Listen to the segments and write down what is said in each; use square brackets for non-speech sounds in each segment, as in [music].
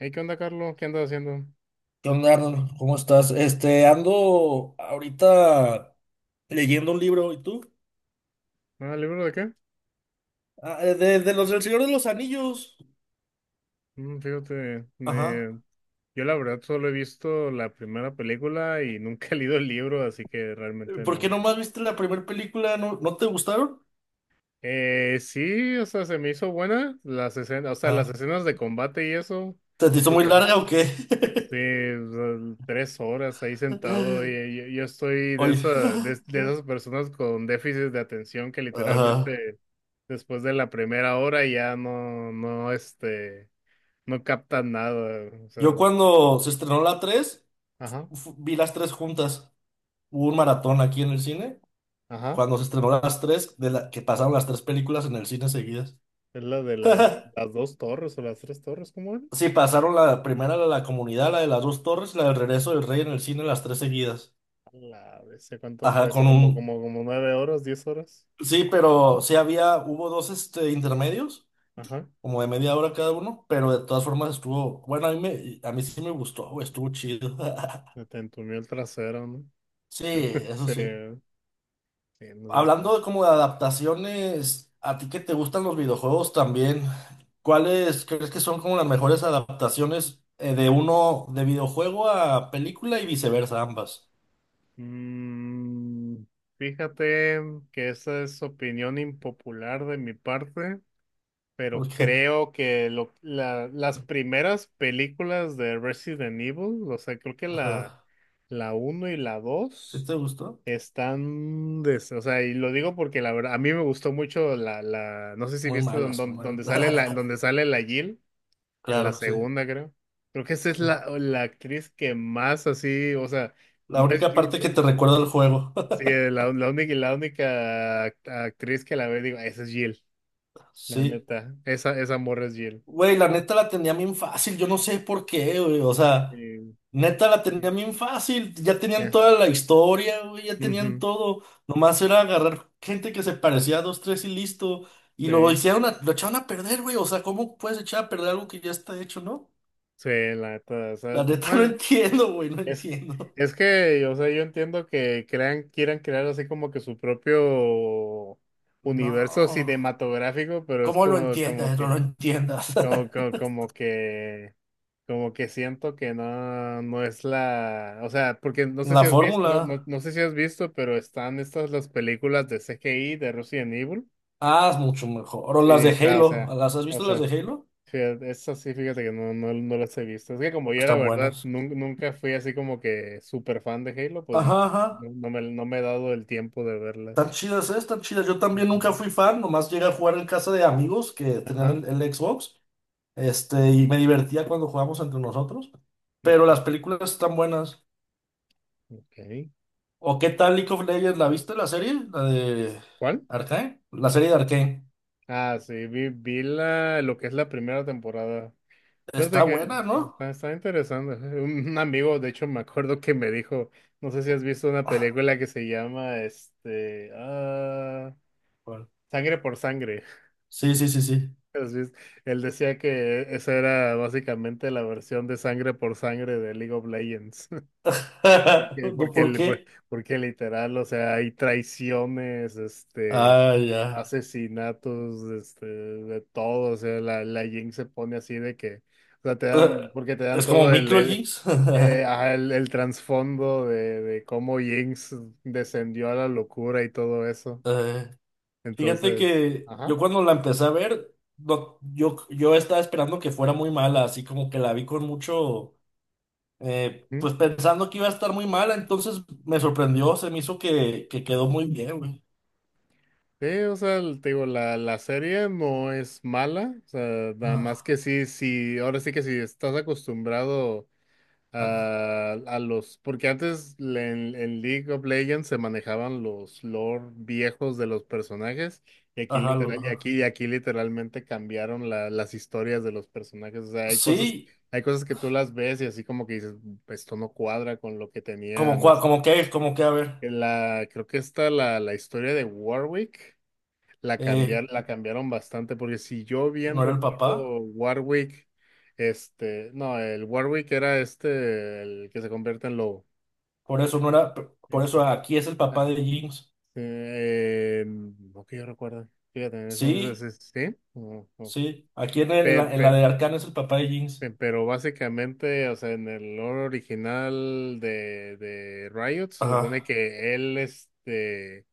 Hey, ¿qué onda, Carlos? ¿Qué andas haciendo? ¿Qué onda, Arnold? ¿Cómo estás? Ando ahorita leyendo un libro, ¿y tú? Ah, ¿libro de qué? Ah, de los del Señor de los Anillos. Mm, fíjate, Ajá. eh, yo la verdad solo he visto la primera película y [laughs] nunca he leído el libro, así que realmente ¿Por qué no. nomás viste la primera película? ¿No, no te gustaron? Sí, o sea, se me hizo buena las escenas, o sea, las Ajá. escenas de combate y eso, ¿Se te hizo muy porque larga o qué? sí, o sea, tres horas ahí sentado [laughs] y yo estoy de Oye, esas personas con déficit de atención que ajá. literalmente después de la primera hora ya no, no captan nada. O sea, Yo cuando se estrenó la tres, ajá, vi las tres juntas. Hubo un maratón aquí en el cine. ajá. Cuando se estrenó las tres, que pasaron las tres películas en el cine seguidas. Es [laughs] las dos torres o las tres torres, ¿cómo era? Sí, pasaron la primera, la de la comunidad, la de las dos torres, la del regreso del rey en el cine, las tres seguidas. A la vez, ¿cuánto Ajá, fue eso? con Como, un. como, como nueve horas, diez horas. Sí, pero sí había, hubo dos intermedios, Ajá. como de media hora cada uno, pero de todas formas estuvo, bueno, a mí sí me gustó, güey, estuvo chido. [laughs] Se te entumió el trasero, ¿no? Sí, eso Sí, sí. sí, en Hablando de como de adaptaciones, a ti que te gustan los videojuegos también, ¿cuáles crees que son como las mejores adaptaciones, de videojuego a película y viceversa, ambas? Mm, fíjate que esa es opinión impopular de mi parte, pero Porque. creo que las primeras películas de Resident Evil, o sea, creo que Ajá. la uno y la ¿Sí 2 te gustó? están, o sea, y lo digo porque la verdad, a mí me gustó mucho la, no sé si Muy viste malas, muy malas. donde sale [laughs] donde sale la Jill, en la Claro, sí, segunda, creo. Creo que esa es sí. La actriz que más así, o sea, La no es única Jill, parte que te recuerda el juego. sí, [laughs] la única, actriz que la ve, digo, esa es Jill, la Sí. neta, esa morra es Jill. Güey, la neta la tenía bien fácil, yo no sé por qué, güey. O sea, Sí, neta la tenía ya, bien fácil. Ya tenían ya, toda la historia, güey, ya tenían ujú, todo. Nomás era agarrar gente que se parecía a dos, tres y listo. Y lo sí, hicieron, lo echaron a perder, güey. O sea, ¿cómo puedes echar a perder algo que ya está hecho, no? sí, la neta, o La sea, neta [laughs] no bueno, entiendo, güey, no es, entiendo. es que, o sea, yo entiendo que quieran crear así como que su propio universo No. cinematográfico, pero es ¿Cómo lo como, entiendas? No lo entiendas. como, como, como que, como que siento que no, o sea, porque no [laughs] sé La si has visto, fórmula. no, no sé si has visto, pero están estas las películas de C G I de Resident Evil, Ah, es mucho mejor. O las sí, de o sea, o Halo. sea, ¿Las has o visto las de sea. Halo? Fíjate, esa sí, fíjate que no, no las he visto. Es que como yo la Están verdad buenas. Nunca fui así como que súper fan de Halo, pues no, Ajá, ajá. No me he dado el tiempo de Tan verlas. chidas, ¿eh? Están chidas. Yo también nunca Ujú. fui fan. Nomás llegué a jugar en casa de amigos que tenían Ajá, el Xbox. Y me divertía cuando jugábamos entre nosotros. Pero las ok, películas están buenas. ok. ¿O qué tal League of Legends? ¿La viste la serie? ¿La de ¿Cuál? Arcane? La serie de Arcane. Ah, sí, vi la, lo que es la primera temporada. Está Fíjate que buena, ¿no? está, está interesante. Un amigo, de hecho, me acuerdo que me dijo, no sé si has visto una película que se llama, Bueno, Sangre por Sangre. sí, sí, sí, sí. Así es. Él decía que esa era básicamente la versión de sangre por sangre de League of Legends. [laughs] [laughs] Porque, No, porque, ¿por li- pues, qué? porque literal, o sea, hay traiciones, este, Ah, ya. asesinatos, este, de todo. O sea, la Jinx se pone así de que, o sea, te Eh, dan, porque te dan Es como todo microjinx. [laughs] El trasfondo de cómo Jinx descendió a la locura y todo eso. Eh, Fíjate Entonces, que ajá. yo cuando la empecé a ver, yo estaba esperando que fuera muy mala, así como que la vi con mucho, pues pensando que iba a estar muy mala, entonces me sorprendió, se me hizo que quedó muy bien, güey. Sí, o sea, te digo, la serie no es mala, o sea, nada más No, que sí, sí, ahora sí que si estás acostumbrado ah, no. A los, porque antes en League of Legends se manejaban los lore viejos de los personajes, y aquí Ajá, literal, y ajá. aquí, y aquí literalmente cambiaron las historias de los personajes, o sea, Sí, hay cosas que tú las ves y así como que dices, esto no cuadra con lo que como, tenían, este, como que, a ver, la, creo que está la historia de Warwick. La eh, cambiar, la cambiaron bastante, porque si yo bien no era el papá, recuerdo Warwick, este, no, el Warwick era este, el que se convierte en lobo. por eso no era, Sí, por sí. eso aquí es el Ah, papá de Jinx. No que yo recuerdo. Fíjate, Sí. Sí. Ujú. Sí, aquí en Pe- la, en la de pe- Arcana es el papá de Jinx. pero básicamente, o sea, en el lore original de Riot, se supone Ajá. que él, este.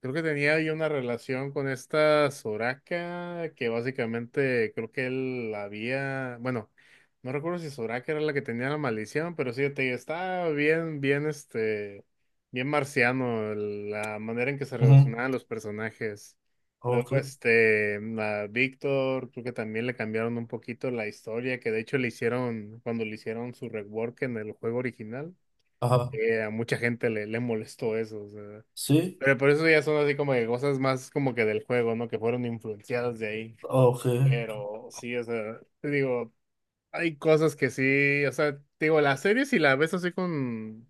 Creo que tenía ahí una relación con esta Soraka, que básicamente creo que él había, bueno, no recuerdo si Soraka era la que tenía la maldición, pero sí, te digo, estaba bien marciano la manera en que se Ujú. relacionaban los personajes. Luego, Ok. este, la Víctor, creo que también le cambiaron un poquito la historia, que de hecho le hicieron, cuando le hicieron su rework en el juego original, Ajá. A mucha gente le molestó eso, o sea. Sí. Pero por eso ya son así como de cosas más como que del juego, ¿no? Que fueron influenciadas de ahí. Ok. Pero sí, o sea, te digo, hay cosas que sí, o sea, te digo, las series si la ves así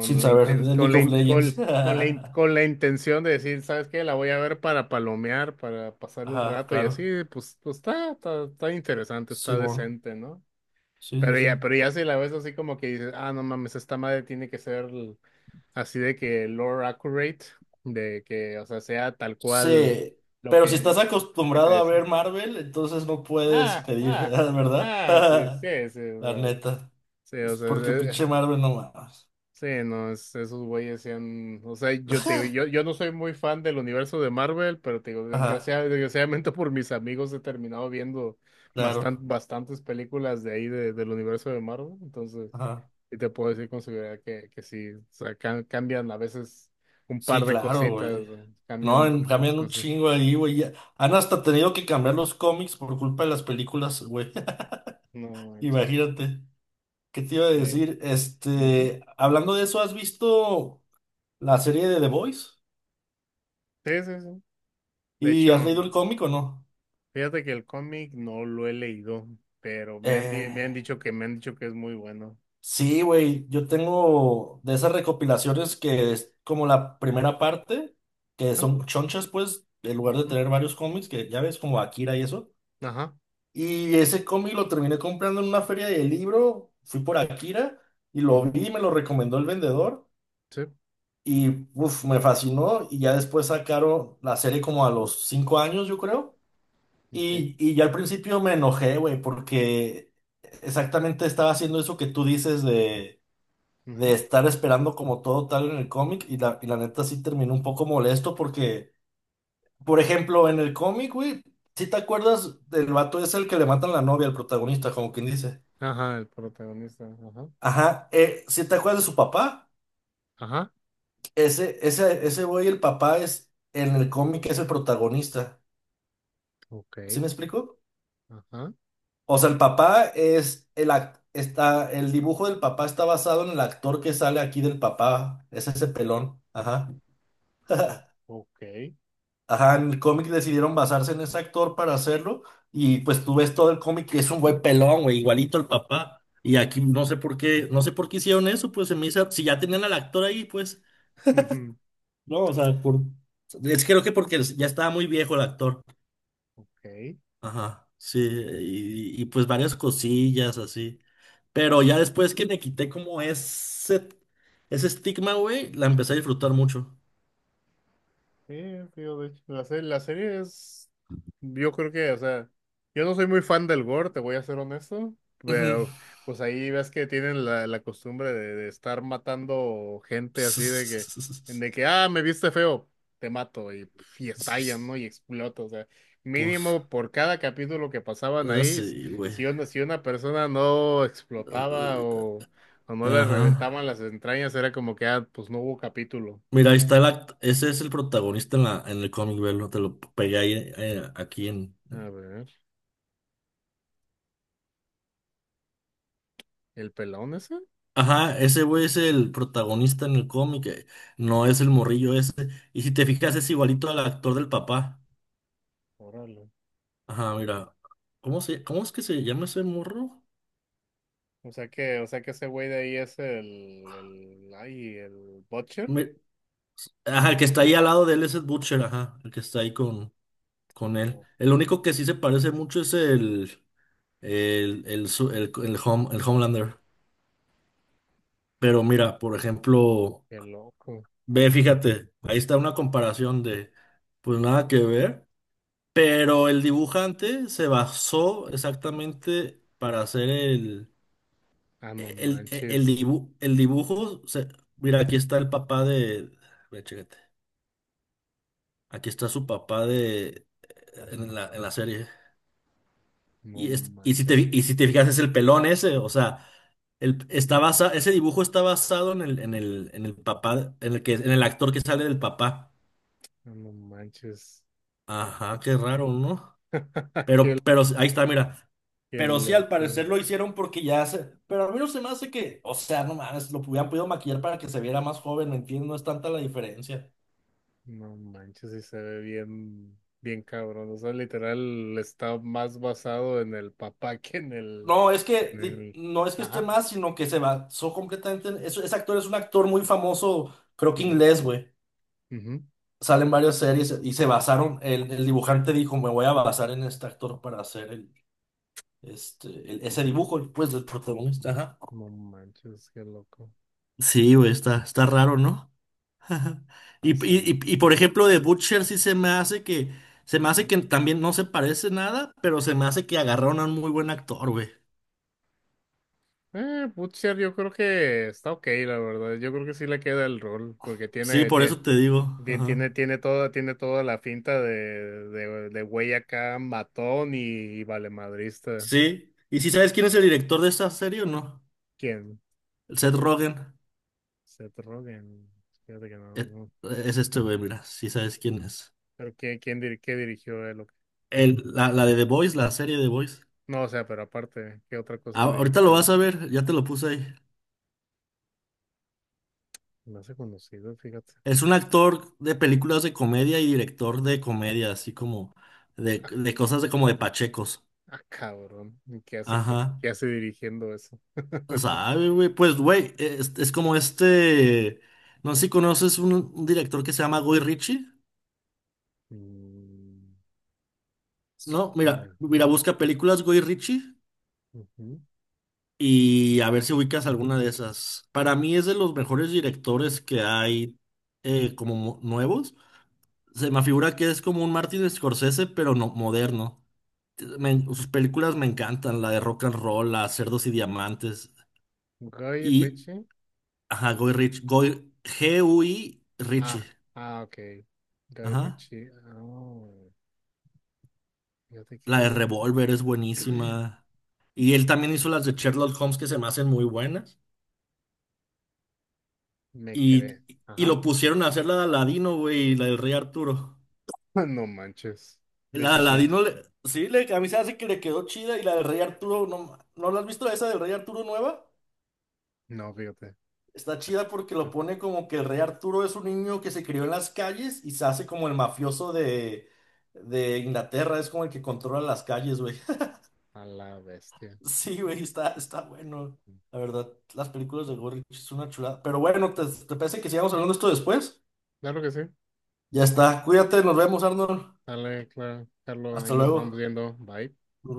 Sin la saber inten- de con League la, of in- Legends. [laughs] Con la in- con la intención de decir, ¿sabes qué? La voy a ver para palomear, para pasar el Ajá, rato y así, claro. pues, está, está interesante, está Simón. decente, ¿no? Sí, sí, sí. Pero ya si la ves así como que dices, ah, no mames, esta madre tiene que ser así de que lore accurate, de que, o sea, sea tal cual Sí. lo Pero si que estás él, lo que te acostumbrado a dice. ver Marvel, entonces no puedes Ah, pedir, [laughs] ah, ¿verdad? Sí, [laughs] sí, sí, o La sea, neta. sí, o Es porque sea, sí, pinche Marvel no más. sí, no, esos güeyes se han, o sea, yo te digo, yo no soy muy fan del universo de Marvel, pero te digo, Ajá, desgraciadamente por mis amigos he terminado viendo claro. bastantes películas de ahí del universo de Marvel, entonces, Ajá. y te puedo decir con seguridad que sí, o sea, cambian a veces un par Sí, de claro, cositas, güey. ¿no? Cambian No, muchas cambian un cosas. chingo ahí, güey. Han hasta tenido que cambiar los cómics por culpa de las películas, güey. [laughs] No manches. Imagínate. ¿Qué te iba a Eh, decir? ujú. Hablando de eso, ¿has visto la serie de The Voice? Sí, sí, sí. De ¿Y has hecho. leído el cómic o no? Fíjate que el cómic no lo he leído, pero Eh, me han dicho que es muy bueno. sí, güey. Yo tengo de esas recopilaciones que es como la primera parte, que Ajá, son chonchas, pues, en lugar de ujú, tener varios cómics, que ya ves, como Akira y eso. ajá, Y ese cómic lo terminé comprando en una feria de libro, fui por Akira y lo ujú, vi, me lo recomendó el vendedor sí, y uf, me fascinó y ya después sacaron la serie como a los 5 años, yo creo. okay, Y ya al principio me enojé, güey, porque exactamente estaba haciendo eso que tú dices de, ujú, estar esperando como todo tal en el cómic y la neta sí terminó un poco molesto porque, por ejemplo, en el cómic, güey, si te acuerdas del vato es el que le matan la novia al protagonista, ¿como quien dice? ajá, el protagonista, ajá, Ajá, ¿si te acuerdas de su papá? ajá, Ese güey, el papá es, en el cómic es el protagonista. ¿Sí okay, me explico? ajá, O sea, el papá es el dibujo del papá está basado en el actor que sale aquí del papá. Es ese pelón. Ajá. o- [laughs] okay, Ajá, en el cómic decidieron basarse en ese actor para hacerlo. Y pues tú ves todo el cómic que es un güey pelón, güey, igualito al papá. Y aquí no sé por qué hicieron eso, pues se me hizo, si ya tenían al actor ahí, pues. ujú, No, o sea, por. Es que creo que porque ya estaba muy viejo el actor. ok, Ajá, sí, y pues varias cosillas así. Pero ya después que me quité como ese estigma, güey, la empecé a disfrutar mucho. sí, tío, de hecho, la serie es, yo creo que, o sea, yo no soy muy fan del gore, te voy a ser honesto, Ujú. pero pues ahí ves que tienen la costumbre de estar matando gente así [laughs] de que, ah, me viste feo, te mato, y, pf, y estallan, ¿no? Y explota, o sea, Pues, mínimo por cada capítulo que pasaban ahí, así, güey. si una, si una persona no explotaba o no le Ajá. reventaban las entrañas, era como que, ah, pues no hubo capítulo. Mira, ahí está ese es el protagonista en la, en el cómic, velo. Te lo pegué ahí, aquí en. A ver. ¿El pelón ese? Ajá, ese güey es el protagonista en el cómic, no es el morrillo ese. Y si te fijas, es igualito al actor del papá. Órale. Ajá, mira. Cómo es que se llama ese morro? O sea que ese güey de ahí es el Butcher. Me- ajá, El, el que está ahí al lado de él es el Butcher, ajá, el que está ahí con él. oh, El man, único que sí se parece mucho es el, su- el Hom- el Homelander. Pero mira, por ejemplo, qué loco. ve, fíjate, ahí está una comparación de, pues nada que ver. Pero el dibujante se basó exactamente para hacer Ah, no manches. El dibujo. Mira, aquí está el papá de. Ve, chécate. Aquí está su papá de. En la, serie. No Y, es- y, si te, manches. fi- y si te fijas, es el pelón ese. O sea, ese dibujo está basado en el, en el, en el papá, en el actor que sale del papá. Ah, no manches. Ajá, qué raro, ¿no? [laughs] Pero, Qué, pero ahí está, mira. qué Pero sí, al loco. parecer lo hicieron porque ya se. Pero a mí no se me hace que. O sea, no mames, lo hubieran podido maquillar para que se viera más joven, entiendo, no es tanta la diferencia. No manches, y se ve bien, bien cabrón. O sea, literal está más basado en el papá que en No, es que en el, no es que esté ajá. más, sino que se basó completamente en. Ese actor es un actor muy famoso, creo que Ujú, inglés, güey. ujú. Salen varias series y se basaron. El dibujante dijo: Me voy a basar en este actor para hacer ese dibujo, pues, del No, protagonista. Ajá. no manches, qué loco. Sí, güey, está raro, ¿no? [laughs] Ajá. Y, y, Pasó. y, y, por ejemplo, de Butcher sí se me hace que, se me hace Ujú. que también no se parece nada, pero se me hace que agarraron a un muy buen actor, güey. Butcher yo creo que está ok, la verdad. Yo creo que sí le queda el rol, porque Sí, tiene, por tiene, eso te digo. bien, Ajá. tiene, tiene toda la finta de, de güey acá, matón y valemadrista. Sí. ¿Y si sabes quién es el director de esta serie o no? ¿Quién? El Seth Rogen. Seth Rogen. Fíjate que no, Eh, no. Es este güey, mira, si sabes quién es. Pero ¿quién qué dirigió él? ¿O qué? La de The Voice, la serie de The Voice. No, o sea, pero aparte, ¿qué otra cosa Ahorita lo dirigió vas él? a ver, ya te lo puse ahí. Me hace conocido, fíjate. Es un actor de películas de comedia y director de comedia, así como de cosas como de pachecos. Ah, cabrón. ¿Y qué hace, Ajá. qué hace dirigiendo eso? No. [laughs] ¿Sabe, güey? Pues, güey, es como este. No sé si conoces un director que se llama Guy Ritchie. Mm, No, mira, nah. mira, busca películas Guy Ritchie Ujú. y a ver si ubicas alguna de esas. Para mí es de los mejores directores que hay, como nuevos. Se me figura que es como un Martin Scorsese, pero no moderno. Sus películas me encantan, la de Rock and Roll, la Cerdos y Diamantes. Guy Y, Ritchie. ajá, Guy Ritchie, Guy, GUI Ritchie. Ah, ah, ok. Guy Ajá. Ritchie. Oh, fíjate La de que Revolver es [clears throat] buenísima. Y él también hizo las de Sherlock Holmes que se me hacen muy buenas. me Y, crees. y Ajá. lo pusieron a hacer la de Aladino, güey, y la del Rey Arturo. [laughs] No manches. De La de hecho, sí. Aladino, sí, a mí se hace que le quedó chida. Y la del Rey Arturo, ¿no, no la has visto esa del Rey Arturo nueva? No, fíjate. Está chida porque lo pone como que el Rey Arturo es un niño que se crió en las calles y se hace como el mafioso de, Inglaterra. Es como el que controla las calles, güey. A la bestia. Sí, güey, está bueno. La verdad, las películas de Gorrich es una chulada. Pero bueno, ¿te parece que sigamos hablando de esto después? Claro que sí. Ya está. Cuídate, nos vemos, Arnold. Dale, claro. Carlos, ahí Hasta nos luego. estamos viendo. Bye. Nos vemos.